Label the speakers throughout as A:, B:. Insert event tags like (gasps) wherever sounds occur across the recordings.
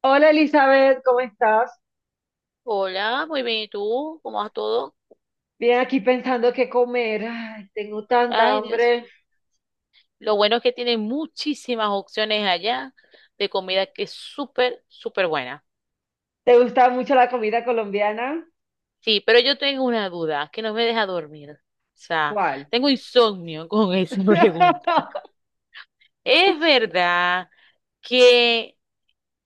A: Hola Elizabeth, ¿cómo estás?
B: Hola, muy bien, ¿y tú? ¿Cómo vas todo?
A: Bien, aquí pensando qué comer. Ay, tengo tanta
B: Ay, Dios.
A: hambre.
B: Lo bueno es que tienen muchísimas opciones allá de comida que es súper, súper buena.
A: ¿Te gusta mucho la comida colombiana?
B: Sí, pero yo tengo una duda que no me deja dormir. O sea,
A: ¿Cuál?
B: tengo insomnio con esa (laughs) pregunta.
A: (laughs)
B: ¿Es verdad que?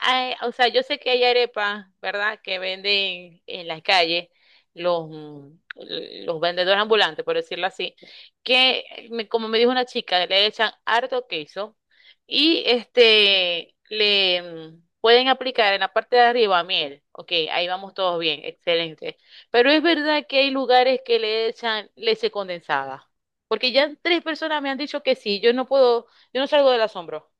B: Ay, o sea, yo sé que hay arepas, ¿verdad? Que venden en las calles los, mm, los vendedores ambulantes, por decirlo así, que como me dijo una chica, le echan harto queso y le pueden aplicar en la parte de arriba miel. Ok, ahí vamos todos bien, excelente. Pero es verdad que hay lugares que le echan leche condensada, porque ya tres personas me han dicho que sí. Yo no puedo, yo no salgo del asombro.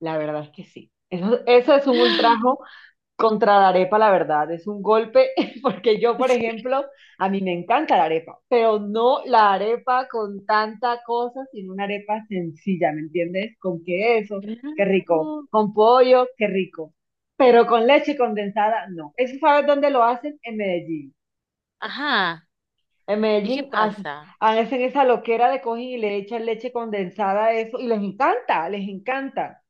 A: La verdad es que sí. Eso es un
B: (laughs)
A: ultrajo
B: (gasps)
A: contra la arepa, la verdad, es un golpe, (laughs) porque yo, por
B: Sí.
A: ejemplo, a mí me encanta la arepa, pero no la arepa con tanta cosa, sino una arepa sencilla, ¿me entiendes? Con queso, qué rico,
B: Claro.
A: con pollo, qué rico, pero con leche condensada, no. ¿Eso sabes dónde lo hacen? En Medellín.
B: Ajá.
A: En
B: ¿Y qué
A: Medellín hacen
B: pasa?
A: hacen esa loquera de cogen y le echan leche condensada a eso, y les encanta, les encanta.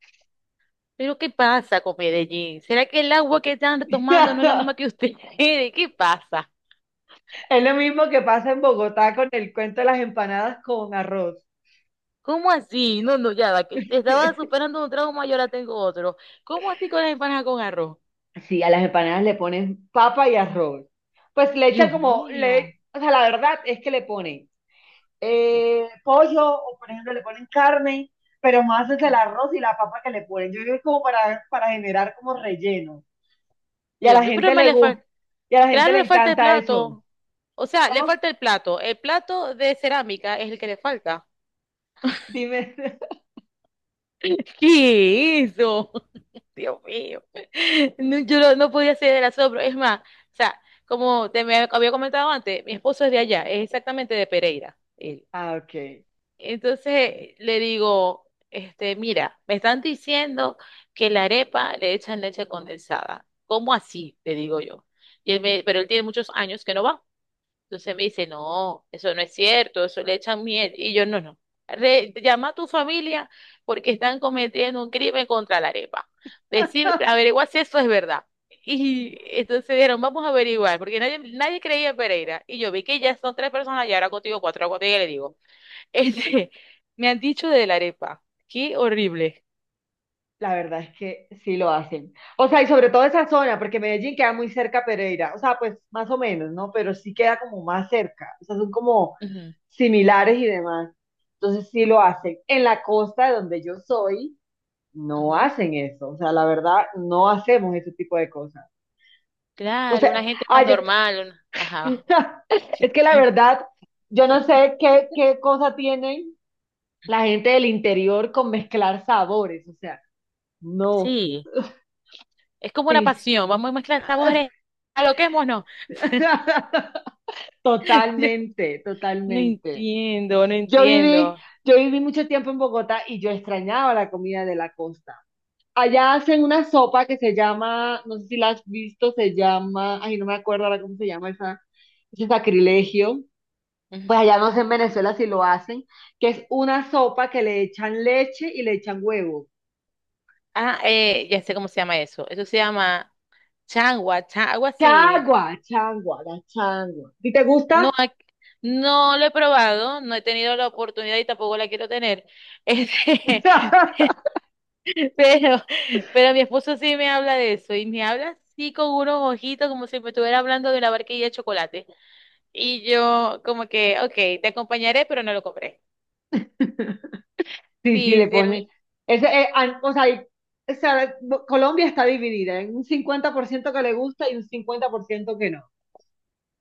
B: ¿Pero qué pasa con Medellín? ¿Será que el agua que están tomando no es la
A: (laughs)
B: misma que ustedes? (laughs) ¿Qué pasa?
A: Es lo mismo que pasa en Bogotá con el cuento de las empanadas con arroz.
B: ¿Cómo así? No, no, ya va, que te estaba superando un trauma y ahora tengo otro. ¿Cómo así con las empanadas con arroz?
A: Sí, a las empanadas le ponen papa y arroz. Pues le echan
B: Dios
A: como,
B: mío.
A: le, o sea, la verdad es que le ponen pollo o por ejemplo le ponen carne, pero más es el arroz y la papa que le ponen. Yo creo que es como para generar como relleno. Y a
B: Dios
A: la
B: mío, pero
A: gente
B: me
A: le
B: le falta.
A: gusta, y a la gente
B: Claro,
A: le
B: le falta el
A: encanta eso.
B: plato. O sea, le
A: ¿Cómo?
B: falta el plato. El plato de cerámica es el que le falta.
A: Dime. (laughs)
B: (laughs) ¿Qué es eso? Dios mío. (laughs) No, yo no, no podía hacer el asado, pero es más, o sea, como te me había comentado antes, mi esposo es de allá, es exactamente de Pereira, él.
A: Ah, ok.
B: Entonces le digo, mira, me están diciendo que la arepa le echan leche condensada. ¿Cómo así? Le digo yo. Y él me, pero él tiene muchos años que no va. Entonces me dice, no, eso no es cierto, eso le echan miel. Y yo, no, no. Llama a tu familia porque están cometiendo un crimen contra la arepa. Decir, averigua si eso es verdad. Y entonces dijeron, vamos a averiguar, porque nadie, nadie creía en Pereira. Y yo vi que ya son tres personas y ahora contigo cuatro, ahora contigo le digo. (laughs) Este, me han dicho de la arepa. Qué horrible.
A: La verdad es que sí lo hacen. O sea, y sobre todo esa zona, porque Medellín queda muy cerca a Pereira. O sea, pues más o menos, ¿no? Pero sí queda como más cerca. O sea, son como
B: Ujú,
A: similares y demás. Entonces sí lo hacen. En la costa de donde yo soy, no
B: ujú.
A: hacen eso. O sea, la verdad, no hacemos ese tipo de cosas. O
B: Claro, una
A: sea,
B: gente más
A: allá,
B: normal. Ajá.
A: (laughs) es que la verdad, yo no sé qué, qué cosa tienen la gente del interior con mezclar sabores. O sea, no.
B: Sí. Es como una
A: Sí.
B: pasión, vamos a mezclar sabores, aloquémonos. (laughs)
A: (laughs)
B: Yo
A: Totalmente,
B: no
A: totalmente.
B: entiendo, no
A: Yo viví,
B: entiendo.
A: yo viví mucho tiempo en Bogotá y yo extrañaba la comida de la costa. Allá hacen una sopa que se llama, no sé si la has visto, se llama, ay, no me acuerdo ahora cómo se llama esa, ese sacrilegio.
B: (laughs)
A: Pues
B: Ujú.
A: allá no sé en Venezuela si lo hacen, que es una sopa que le echan leche y le echan huevo.
B: Ah, ya sé cómo se llama eso. Eso se llama changua, algo así.
A: Changua, changua, la changua. ¿Y te gusta?
B: No, no lo he probado, no he tenido la oportunidad y tampoco la quiero tener. Este,
A: (laughs)
B: (laughs) pero, pero mi esposo sí me habla de eso y me habla así con unos ojitos como si me estuviera hablando de una barquilla de chocolate. Y yo como que, ok, te acompañaré, pero no lo compré.
A: Sí, sí,
B: Sí,
A: le
B: sí.
A: pone. Ese, an- o sea, hay- o sea, Bo- Colombia está dividida. Hay un 50% que le gusta y un 50% que no.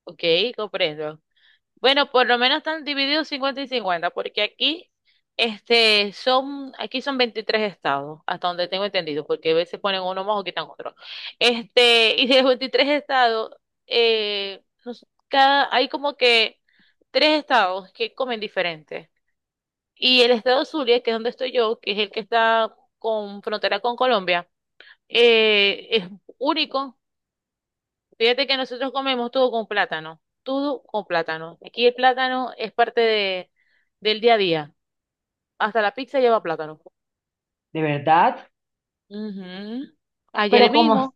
B: Ok, comprendo. Bueno, por lo menos están divididos 50 y 50, porque aquí son 23 estados, hasta donde tengo entendido, porque a veces ponen uno más o quitan otro. Y de los 23 estados, hay como que tres estados que comen diferente. Y el estado Zulia, que es donde estoy yo, que es el que está con frontera con Colombia, es único. Fíjate que nosotros comemos todo con plátano, todo con plátano. Aquí el plátano es parte del día a día. Hasta la pizza lleva plátano.
A: ¿De verdad?
B: Ujú. Ayer
A: Pero como,
B: mismo.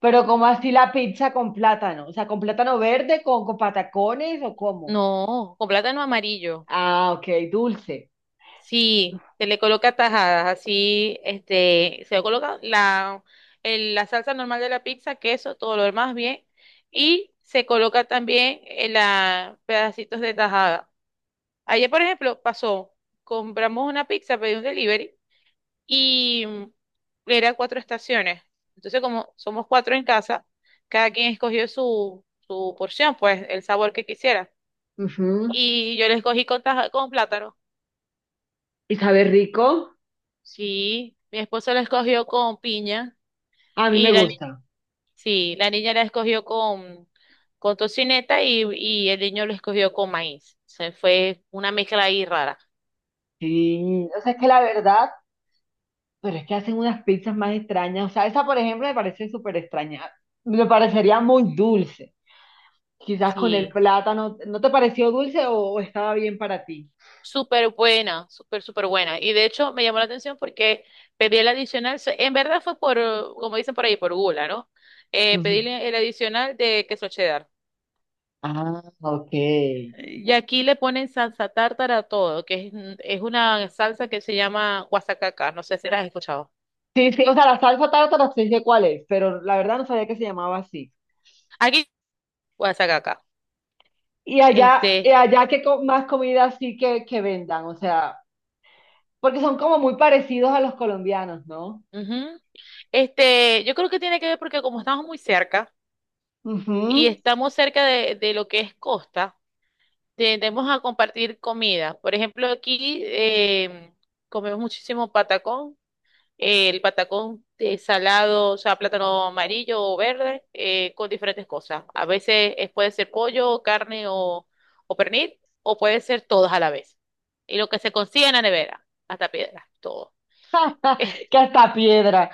A: pero como así la pizza con plátano. O sea, con plátano verde, con patacones o cómo.
B: No, con plátano amarillo.
A: Ah, ok, dulce.
B: Sí, se le coloca tajadas, así, se le coloca la salsa normal de la pizza, queso, todo lo demás bien. Y se coloca también en la pedacitos de tajada. Ayer, por ejemplo, pasó, compramos una pizza, pedí un delivery. Y era cuatro estaciones. Entonces, como somos cuatro en casa, cada quien escogió su porción, pues el sabor que quisiera.
A: Ujú.
B: Y yo le escogí con plátano.
A: ¿Y sabe rico?
B: Sí, mi esposo la escogió con piña
A: A mí
B: y
A: me
B: la, ni-
A: gusta.
B: sí, la niña la escogió con tocineta y el niño lo escogió con maíz. Se fue una mezcla ahí rara.
A: Sí, o sea, es que la verdad, pero es que hacen unas pizzas más extrañas. O sea, esa, por ejemplo, me parece súper extraña. Me parecería muy dulce. Quizás con el
B: Sí.
A: plátano, ¿no te pareció dulce o estaba bien para ti?
B: Súper buena, súper, súper buena. Y de hecho me llamó la atención porque pedí el adicional, en verdad fue por, como dicen por ahí, por gula, ¿no? Eh,
A: Ujú.
B: pedí el adicional de queso cheddar.
A: Ah, ok. Sí,
B: Y aquí le ponen salsa tártara a todo, que es una salsa que se llama guasacaca, no sé si la has escuchado.
A: sí, o sea, la salsa tártara sí sé cuál es, pero la verdad no sabía que se llamaba así.
B: Aquí, guasacaca.
A: Y
B: Este,
A: allá que más comida así que vendan, o sea, porque son como muy parecidos a los colombianos, ¿no?
B: ujú. Yo creo que tiene que ver porque como estamos muy cerca y
A: Ujú.
B: estamos cerca de lo que es costa. Tendemos a compartir comida. Por ejemplo, aquí comemos muchísimo patacón. El patacón de salado, o sea, plátano amarillo o verde, con diferentes cosas. A veces puede ser pollo, carne o pernil, o puede ser todos a la vez. Y lo que se consigue en la nevera, hasta piedra, todo. Este,
A: Que hasta piedra.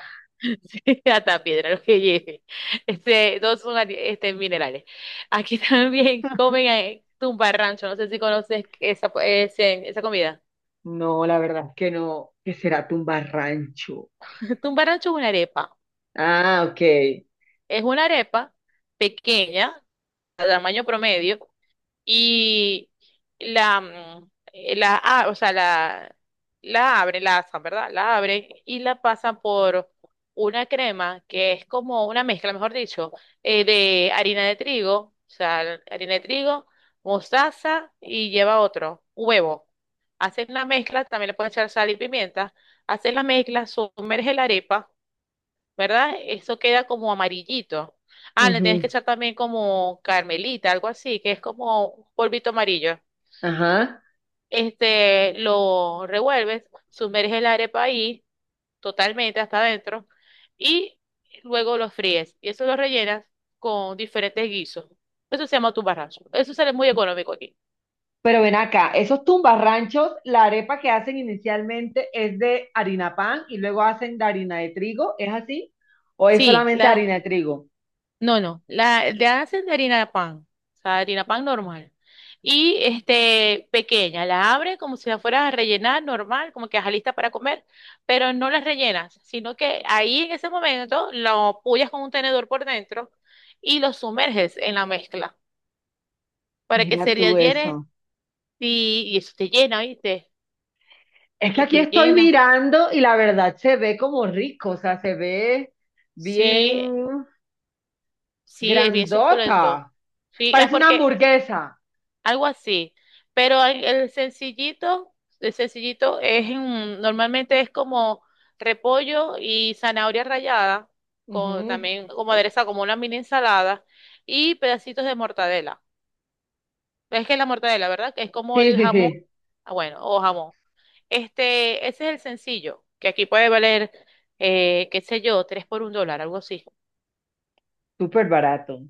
B: (laughs) Hasta piedra, lo que lleve. Todos son minerales. Aquí (laughs) también comen tumbarrancho, no sé si conoces esa, esa comida.
A: No, la verdad es que no, que será tumbarrancho.
B: Un es una arepa.
A: Ah, ok.
B: Es una arepa pequeña, de tamaño promedio, y la, mm, la, a- o sea, la abren, la asan, ¿verdad? La abren y la pasan por una crema que es como una mezcla, mejor dicho, de harina de trigo, o sea, harina de trigo, mostaza y lleva huevo. Hacen la mezcla, también le pueden echar sal y pimienta. Hacen la mezcla, sumerge la arepa, ¿verdad? Eso queda como amarillito. Ah, le tienes que
A: Ujú.
B: echar también como carmelita, algo así, que es como un polvito amarillo.
A: Ajá.
B: Lo revuelves, sumerges la arepa ahí totalmente hasta adentro y luego lo fríes. Y eso lo rellenas con diferentes guisos. Eso se llama tu barrazo. Eso sale muy económico aquí.
A: Pero ven acá, esos tumbarranchos, la arepa que hacen inicialmente es de harina pan y luego hacen de harina de trigo, ¿es así? ¿O es
B: Sí,
A: solamente
B: la,
A: harina de trigo?
B: No, no, la de hacen de harina de pan, o sea, harina pan normal. Y pequeña, la abre como si la fueras a rellenar normal, como que ajá, lista para comer, pero no la rellenas, sino que ahí en ese momento lo apoyas con un tenedor por dentro y lo sumerges en la mezcla para que
A: Mira
B: se
A: tú
B: rellene
A: eso.
B: y eso te llena, ¿viste?
A: Es que
B: Te,
A: aquí
B: te
A: estoy
B: llena.
A: mirando y la verdad se ve como rico, o sea, se ve
B: Sí,
A: bien
B: sí, es bien suculento.
A: grandota.
B: Sí, es
A: Parece una
B: porque
A: hamburguesa.
B: Algo así. Pero el sencillito, el sencillito es normalmente es como repollo y zanahoria rallada, con,
A: Ujú.
B: también como adereza, como una mini ensalada, y pedacitos de mortadela. Es que es la mortadela, ¿verdad? Que es como
A: Sí,
B: el
A: sí,
B: jamón,
A: sí,
B: ah, bueno, o jamón. Ese es el sencillo, que aquí puede valer, qué sé yo, tres por $1, algo así.
A: súper barato.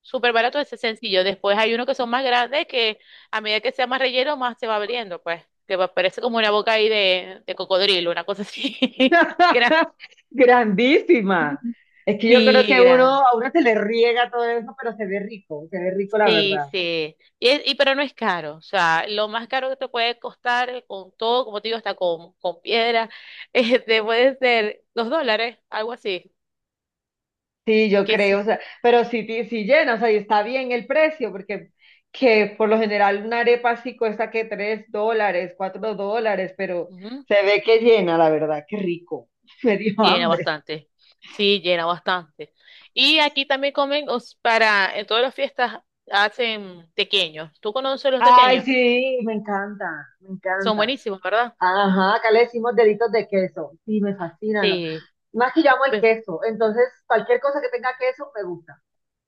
B: Súper barato, ese sencillo. Después hay unos que son más grandes que a medida que sea más relleno, más se va abriendo, pues. Parece como una boca ahí de cocodrilo, una cosa así. (laughs) Gran-
A: (laughs) Grandísima. Es que yo creo
B: Sí,
A: que uno,
B: grande.
A: a uno se le riega todo eso, pero se ve rico la
B: Sí,
A: verdad.
B: sí. Y pero no es caro. O sea, lo más caro que te puede costar con todo, como te digo, hasta con piedra, (laughs) puede ser $2, algo así.
A: Sí, yo
B: Que
A: creo, o
B: sí.
A: sea, pero sí, ti- sí llena, o sea, y está bien el precio, porque que por lo general una arepa así cuesta que $3, $4, pero se ve que llena, la verdad, qué rico. (laughs) Me dio
B: Llena
A: hambre.
B: bastante. Sí, llena bastante. Y aquí también comen, en todas las fiestas hacen tequeños. ¿Tú conoces los
A: Ay,
B: tequeños?
A: sí, me encanta, me
B: Son
A: encanta.
B: buenísimos, ¿verdad?
A: Ajá, acá le decimos deditos de queso. Sí, me fascinan.
B: Sí,
A: Más que yo amo el
B: bu-
A: queso, entonces cualquier cosa que tenga queso me gusta.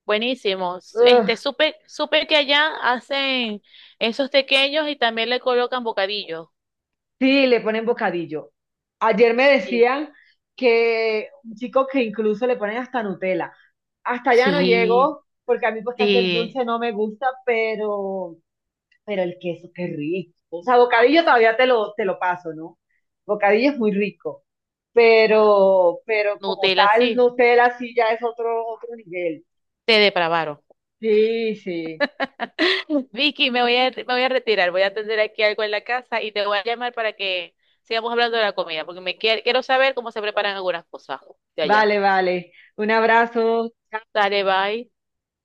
B: buenísimos.
A: Ugh,
B: Supe que allá hacen esos tequeños y también le colocan bocadillos.
A: sí, le ponen bocadillo. Ayer me
B: Sí.
A: decían que un chico que incluso le ponen hasta Nutella. Hasta allá no
B: Sí,
A: llego, porque a mí pues casi el
B: sí.
A: dulce no me gusta, pero el queso, qué rico. O sea, bocadillo todavía te lo paso, ¿no? Bocadillo es muy rico, pero como
B: Nutella,
A: tal,
B: sí.
A: Nutella sí ya es otro, otro nivel.
B: Te depravaron.
A: Sí, sí.
B: Vicky, me voy a retirar, voy a atender aquí algo en la casa y te voy a llamar para que sigamos hablando de la comida, porque me quiero saber cómo se preparan algunas cosas de allá.
A: Vale, vale. Un abrazo.
B: Dale, bye.